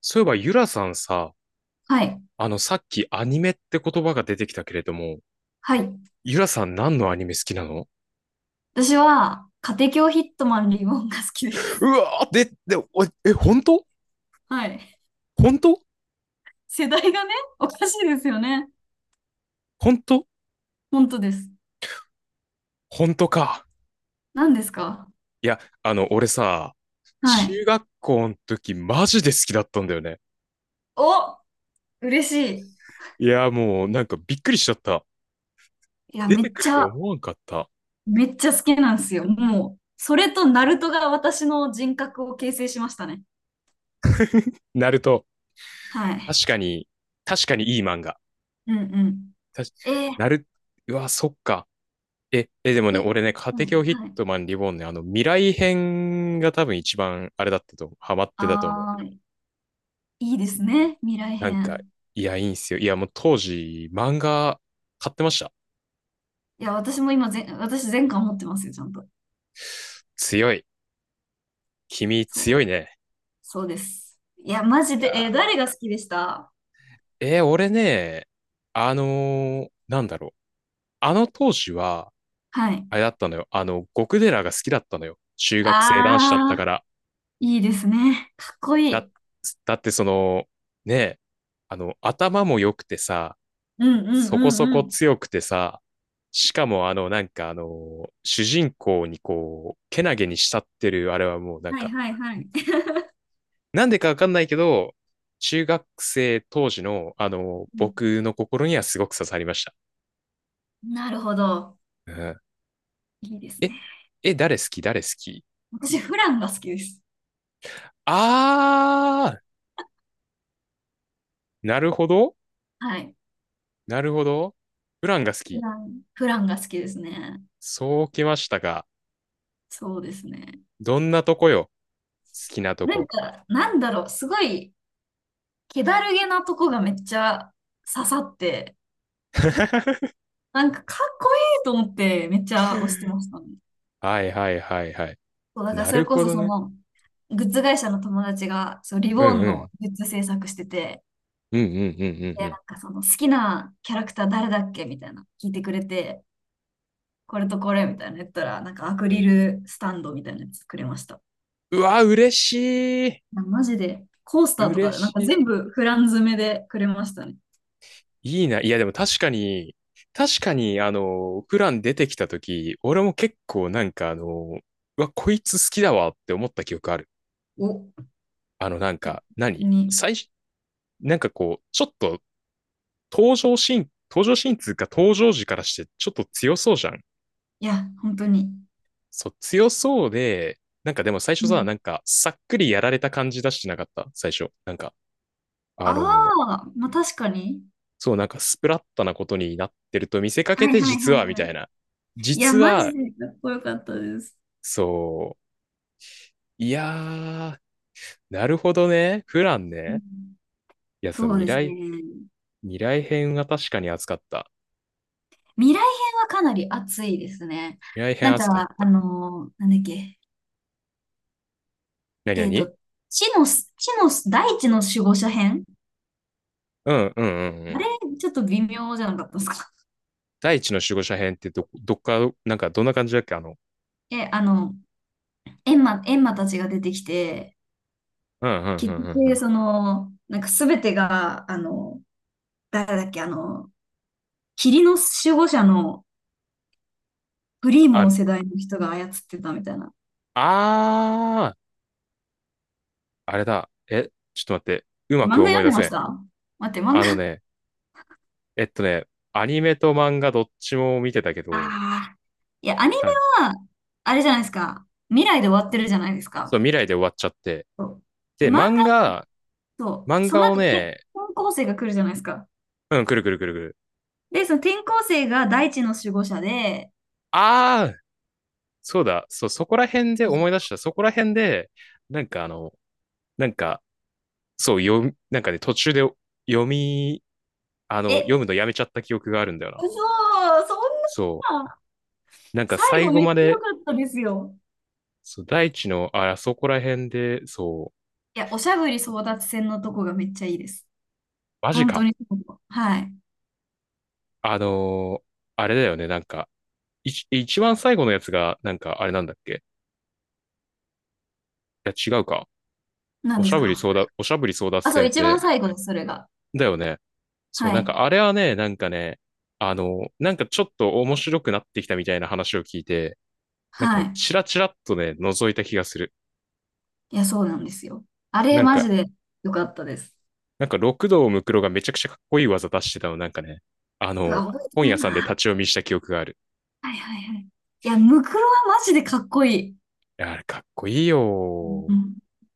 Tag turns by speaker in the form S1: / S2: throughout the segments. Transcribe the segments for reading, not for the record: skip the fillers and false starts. S1: そういえば、ゆらさんさ、
S2: はい。
S1: さっきアニメって言葉が出てきたけれども、
S2: はい。
S1: ゆらさん何のアニメ好きなの？
S2: 私は、家庭教ヒットマンリボンが好きで
S1: う
S2: す。
S1: わーえ、本当？
S2: はい。
S1: 本当？
S2: 世代がね、おかしいですよね。
S1: 本当？
S2: 本当です。
S1: 本当か？
S2: 何ですか？
S1: いや、俺さ、
S2: はい。
S1: 中学校の時マジで好きだったんだよね。
S2: お、嬉し
S1: いや、もうなんかびっくりしちゃった。
S2: い。いや、
S1: 出
S2: めっ
S1: てくる
S2: ちゃ、
S1: と思わんかった。
S2: めっちゃ好きなんですよ。もう、それとナルトが私の人格を形成しましたね。
S1: ナルト。
S2: は
S1: 確
S2: い。
S1: かに、確かにいい漫画。
S2: うんうん。
S1: たし
S2: えー、
S1: ナル、うわ、そっか。え、でもね、
S2: い
S1: 俺ね、家
S2: う
S1: 庭教
S2: ん、
S1: ヒッ
S2: はい。
S1: トマンリボーンね、未来編が多分一番あれだったと思う。ハマってたと思う。
S2: あー、いいですね。未来
S1: なんか、
S2: 編。
S1: いや、いいんすよ。いや、もう当時、漫画買ってました。
S2: いや、私も今ぜん、私全巻持ってますよ、ちゃんと。
S1: 強い。君
S2: そ
S1: 強
S2: う。
S1: いね。
S2: そうです。いや、マジ
S1: い
S2: で、
S1: や
S2: 誰が好きでした？
S1: ー、俺ね、あのなんだろう。あの当時は、
S2: はい。
S1: あれだったのよ。極寺が好きだったのよ。中学生男子だった
S2: あ
S1: か
S2: ー、
S1: ら。
S2: いいですね。かっこい
S1: だ、
S2: い。
S1: だってその、ね、頭も良くてさ、
S2: うんうんう
S1: そこそ
S2: んう
S1: こ
S2: ん。
S1: 強くてさ、しかもなんか主人公にこう、けなげに慕ってる、あれはもうなん
S2: はい
S1: か、
S2: はいはい。
S1: なんでかわかんないけど、中学生当時の、
S2: うん、
S1: 僕の心にはすごく刺さりました。
S2: なるほど。
S1: うん。
S2: いいです
S1: え、
S2: ね。
S1: え、誰好き誰好き？
S2: 私、フランが好きです。
S1: あー、なるほど
S2: はい。
S1: なるほど。ブランが好
S2: フ
S1: き。
S2: ラン。フランが好きですね。
S1: そうきましたか。
S2: そうですね。
S1: どんなとこよ？好きなと
S2: なん
S1: こ。
S2: か、なんだろう、すごい、気だるげなとこがめっちゃ刺さって、なんかかっこいいと思ってめっちゃ押してましたね。
S1: はいはいはいはい。
S2: そう、だから
S1: な
S2: そ
S1: る
S2: れこ
S1: ほ
S2: そ
S1: ど
S2: そ
S1: ね。
S2: の、グッズ会社の友達が、そう、リ
S1: う
S2: ボー
S1: ん
S2: ン
S1: うん。
S2: のグッズ制作してて、
S1: うんうんうんうんう
S2: で、
S1: ん
S2: なんかその好きなキャラクター誰だっけみたいな、聞いてくれて、これとこれみたいなの言ったら、なんかアク
S1: う
S2: リ
S1: ん。
S2: ルスタンドみたいなやつくれました。
S1: うわ、嬉しい。
S2: な、マジで、コースターと
S1: 嬉
S2: か、なんか
S1: し
S2: 全部フラン詰めでくれましたね。
S1: い。いいな。いや、でも確かに、確かに、プラン出てきたとき、俺も結構なんかうわ、こいつ好きだわって思った記憶ある。
S2: お、
S1: なん
S2: い
S1: か、何
S2: に、
S1: 最初、なんかこう、ちょっと登場シーン、登場シーンつうか登場時からしてちょっと強そうじゃん。
S2: いや、本当に。
S1: そう、強そうで、なんかでも最
S2: う
S1: 初さ、
S2: ん。
S1: なんか、さっくりやられた感じ出してなかった最初。なんか、あ
S2: あ
S1: の、
S2: あ、まあ確かに。
S1: そう、なんかスプラッタなことになってると見せかけ
S2: はい
S1: て、
S2: はい
S1: 実
S2: は
S1: は、
S2: い
S1: み
S2: は
S1: た
S2: い。
S1: いな。
S2: いや、
S1: 実
S2: マジ
S1: は、
S2: でかっこよかったです。
S1: そう。いやー、なるほどね。フラン
S2: う
S1: ね。
S2: ん、
S1: いや、そう、
S2: そうですね。
S1: 未来編は確かに熱かった。
S2: 未来編はかなり熱いですね。
S1: 未来編
S2: なんか、
S1: 熱かった。
S2: なんだっけ、
S1: なにな
S2: えっ
S1: に？
S2: と、地の地の大地の守護者編。
S1: うんうんうんう
S2: あ
S1: ん。
S2: れ、ちょっと微妙じゃなかったですか？
S1: 第一の守護者編ってど、どっか、なんかどんな感じだっけ
S2: え、エンマたちが出てきて、
S1: うんうんう
S2: 結
S1: んうんう
S2: 局、
S1: ん。
S2: その、なんか全てが、誰だっけ、霧の守護者のフリーモ
S1: あ、
S2: ン世代の人が操ってたみたいな。
S1: あー、あれだ。え、ちょっと待って。うまく
S2: 漫画
S1: 思
S2: 読
S1: い
S2: ん
S1: 出
S2: でま
S1: せ
S2: し
S1: ん。
S2: た？待って、漫
S1: あ
S2: 画、
S1: のね、えっとね、アニメと漫画どっちも見てたけど、
S2: ああ、いや、アニメ
S1: た
S2: は、あれじゃないですか。未来で終わってるじゃないです
S1: そ
S2: か。
S1: う、未来で終わっちゃって。
S2: そう、で、
S1: で、
S2: 漫画
S1: 漫
S2: だ
S1: 画、
S2: と、
S1: 漫
S2: その
S1: 画を
S2: 後、
S1: ね、
S2: 転校生が来るじゃないですか。
S1: うん、くるくるくるくる。
S2: で、その転校生が大地の守護者で、
S1: ああ、そうだ、そう、そこら辺で
S2: そうそう、
S1: 思い出した。そこら辺で、なんかなんか、そう、読み、なんかね、途中で読み、読
S2: え、
S1: むのやめちゃった記憶があるんだよな。
S2: そう、そ
S1: そ
S2: んな、
S1: う。なんか
S2: 最
S1: 最
S2: 後
S1: 後
S2: めっち
S1: ま
S2: ゃ良か
S1: で、
S2: ったですよ。
S1: そう、大地の、あそこら辺で、そう、
S2: いや、おしゃぶり争奪戦のとこがめっちゃいいです。
S1: マジ
S2: 本当
S1: か。
S2: に、そう、はい。
S1: あのーあれだよね、なんか、一、一番最後のやつが、なんか、あれなんだっけ？いや、違うか。
S2: 何
S1: お
S2: で
S1: し
S2: す
S1: ゃぶり
S2: か？
S1: 争奪、おしゃぶり争奪
S2: あ、そう、
S1: 戦っ
S2: 一番
S1: て、
S2: 最後です、それが。
S1: だよね。そう、
S2: は
S1: なん
S2: い。
S1: かあれはね、なんかね、なんかちょっと面白くなってきたみたいな話を聞いて、なん
S2: は
S1: か
S2: い。
S1: チラチラっとね、覗いた気がする。
S2: いや、そうなんですよ。あれ、
S1: なん
S2: マジ
S1: か、
S2: で良かったです。
S1: なんか六道ムクロがめちゃくちゃかっこいい技出してたの、なんかね、あ
S2: う
S1: の、
S2: わ、覚えて
S1: 本
S2: ない
S1: 屋さんで立
S2: な。
S1: ち読みした記憶がある。
S2: はいはいはい。いや、ムクロはマジでかっこいい。
S1: いやあれかっこいいよ。
S2: うん。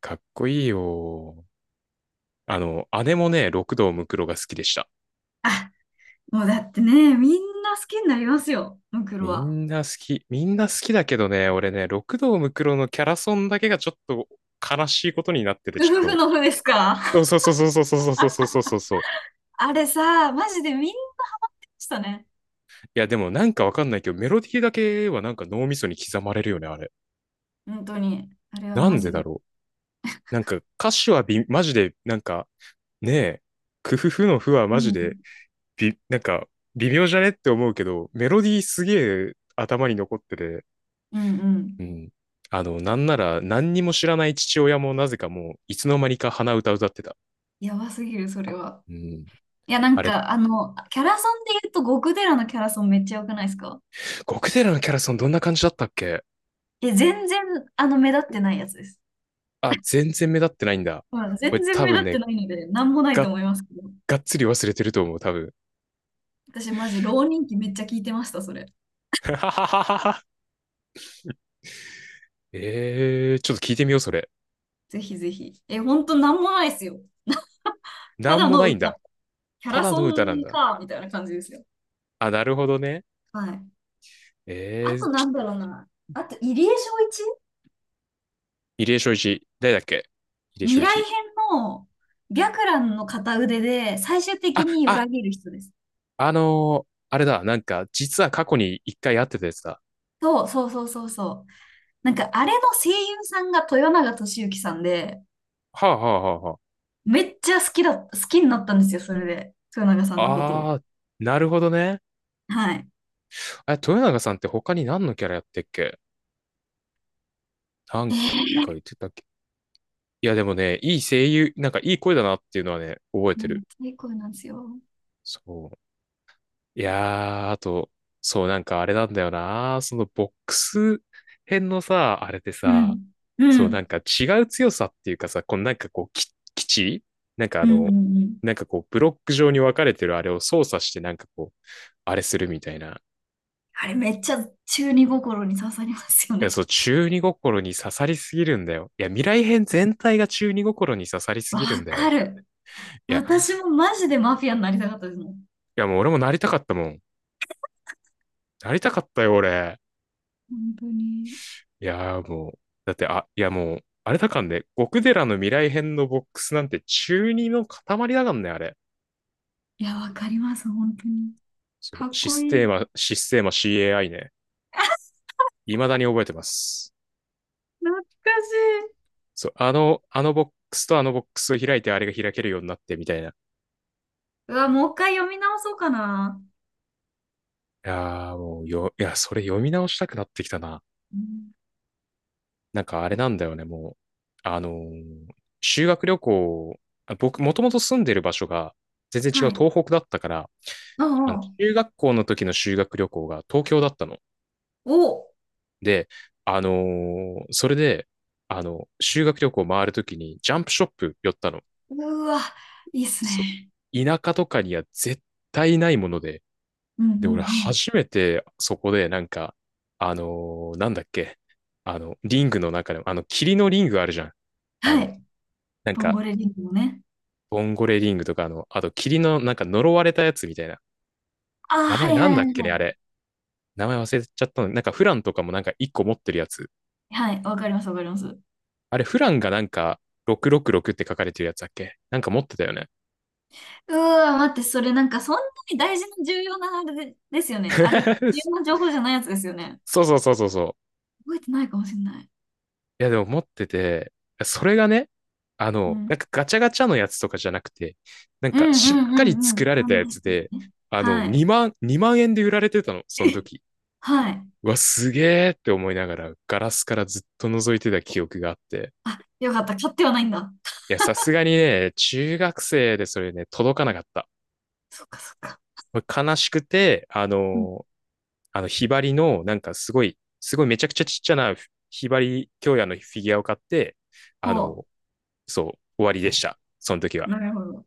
S1: かっこいいよ。姉もね、六道ムクロが好きでした。
S2: あ、もうだってね、みんな好きになりますよ、ムクロ
S1: み
S2: は。
S1: んな好き。みんな好きだけどね、俺ね、六道ムクロのキャラソンだけがちょっと悲しいことになってて、
S2: ふ
S1: ち
S2: ふふ
S1: ょ
S2: のふです
S1: っ
S2: か？
S1: と、そうそうそうそうそうそうそうそうそうそう。
S2: あれさ、マジでみんなでしたね。
S1: いや、でもなんかわかんないけど、メロディーだけはなんか脳みそに刻まれるよね、あれ。
S2: 本当に。あれは
S1: な
S2: マ
S1: んで
S2: ジ
S1: だ
S2: で。
S1: ろう。なんか歌詞はび、マジで、なんか、ねえ、クフフのフは
S2: う
S1: マジ
S2: ん
S1: で、び、なんか、微妙じゃねって思うけど、メロディーすげえ頭に残ってて、
S2: うんうん。
S1: うん。なんなら何にも知らない父親もなぜかもう、いつの間にか鼻歌歌ってた。
S2: やばすぎる、それは。
S1: うん。
S2: いや、な
S1: あ
S2: ん
S1: れ、
S2: か、キャラソンで言うと、極寺のキャラソンめっちゃ良くないですか？
S1: ゴクテラのキャラソンどんな感じだったっけ？
S2: え、全然、目立ってないやつです。
S1: あ、全然目立ってないんだ。
S2: うん、
S1: これ
S2: 全然
S1: 多
S2: 目
S1: 分
S2: 立って
S1: ね、
S2: ないので、なんもない
S1: が
S2: と
S1: っ
S2: 思いますけど。
S1: がっつり忘れてると思う、多分。
S2: 私マジ浪人期めっちゃ聞いてました、それ。
S1: ちょっと聞いてみよう、それ。
S2: ぜひぜひ。え、ほんとなんもないですよ。
S1: な
S2: た
S1: ん
S2: だ
S1: も
S2: の
S1: ないん
S2: 歌。
S1: だ。
S2: キャ
S1: た
S2: ラ
S1: だ
S2: ソ
S1: の歌なん
S2: ン
S1: だ。
S2: か、みたいな感じですよ。
S1: あ、なるほどね。
S2: はい。あと、
S1: ち
S2: な
S1: ょ、
S2: んだろうな。あと、入江正一。
S1: 入江正一。誰だっけ？入江
S2: 未
S1: 正
S2: 来
S1: 一。
S2: 編の白蘭の片腕で最終
S1: あ、
S2: 的に
S1: あ、
S2: 裏切る人です。
S1: あれだ、なんか、実は過去に一回会ってたやつだ。
S2: そうそうそうそうそう。なんかあれの声優さんが豊永俊之さんで、
S1: はあはあは
S2: めっちゃ好きだ、好きになったんですよ、それで。豊永さ
S1: あ
S2: んのこと
S1: は
S2: を。
S1: あ。あー、なるほどね。
S2: はい。
S1: あ、豊永さんって他に何のキャラやってっけ？なん
S2: え
S1: か言
S2: ー、
S1: ってたっけ？いや、でもね、いい声優、なんかいい声だなっていうのはね、覚え
S2: め
S1: て
S2: っ
S1: る。
S2: ちゃいい声なんですよ。
S1: そう。いやー、あと、そう、なんかあれなんだよな。そのボックス編のさ、あれで
S2: う
S1: さ、
S2: ん。う
S1: そう、なん
S2: ん。
S1: か違う強さっていうかさ、このなんかこう、基地なんか
S2: うんうんうん。
S1: なんかこう、ブロック状に分かれてるあれを操作してなんかこう、あれするみたいな。
S2: あれめっちゃ中二心に刺さりますよ
S1: いや、
S2: ね。
S1: そう、中二心に刺さりすぎるんだよ。いや、未来編全体が中二心に刺さり す
S2: わ
S1: ぎるんだ
S2: か
S1: よ。
S2: る。
S1: いや、い
S2: 私もマジでマフィアになりたかったですもん。
S1: やもう俺もなりたかったもん。なりたかったよ、俺。
S2: 本当に。
S1: いやーもう、だって、あ、いやもう、あれだかんね、極寺の未来編のボックスなんて中二の塊だかんね、あれ。
S2: いや、わかります、本当に。
S1: そ
S2: か
S1: う、
S2: っこいい。
S1: システーマ CAI ね。未だに覚えてます。
S2: 懐かしい。
S1: そう、あのボックスとあのボックスを開いてあれが開けるようになってみたいな。い
S2: うわ、もう一回読み直そうかな。
S1: やーもうよ、いや、それ読み直したくなってきたな。
S2: うん、
S1: なんかあれなんだよね、もう。あのー修学旅行、あ僕、もともと住んでる場所が全然違う
S2: はい。
S1: 東北だったから、
S2: う
S1: あの
S2: んうん。
S1: 中学校の時の修学旅行が東京だったの。
S2: お、
S1: で、それで、修学旅行回るときにジャンプショップ寄ったの。
S2: うわ、いいっす
S1: そ、
S2: ね。
S1: 田舎とかには絶対ないもので。
S2: うんうん
S1: で、
S2: う
S1: 俺
S2: ん。
S1: 初めてそこでなんか、なんだっけ、リングの中でも、霧のリングあるじゃん。あ
S2: は
S1: の、
S2: い。
S1: なん
S2: ボン
S1: か、
S2: ゴレディングのね。
S1: ボンゴレリングとか、あと霧のなんか呪われたやつみたいな。
S2: ああ、
S1: 名前
S2: はい
S1: な
S2: はい
S1: ん
S2: は
S1: だっ
S2: い
S1: け
S2: は
S1: ね、あ
S2: い。
S1: れ。名前忘れちゃったの。なんかフランとかもなんか一個持ってるやつ。
S2: はい、わかりますわかります。
S1: あれ、フランがなんか、666って書かれてるやつだっけなんか持ってたよね？
S2: うわ、待って、それなんかそんなに大事な重要なあれで、ですよね。あれ、重要な 情報じゃないやつですよね。
S1: そうそうそうそうそ
S2: 覚えてないかもしれない。
S1: う。いや、でも持ってて、それがね、
S2: う
S1: なん
S2: ん。
S1: かガチャガチャのやつとかじゃなくて、なん
S2: う
S1: か
S2: んう
S1: しっ
S2: ん
S1: かり
S2: うんう
S1: 作
S2: ん。
S1: られた
S2: そう
S1: や
S2: です
S1: つで、
S2: ね。はい。
S1: 2万、2万円で売られてたの、
S2: え、
S1: その時。
S2: はい。
S1: うわ、すげーって思いながら、ガラスからずっと覗いてた記憶があって。
S2: あ、よかった。買ってはないんだ。
S1: いや、さすがにね、中学生でそれね、届かなかった。
S2: そっかそっか。
S1: これ悲しくて、
S2: うん、
S1: ひばりの、なんかすごい、すごいめちゃくちゃちっちゃなひばり京也のフィギュアを買って、あ
S2: そ
S1: の、そう、終わりでした。その時
S2: う。
S1: は。
S2: なるほど。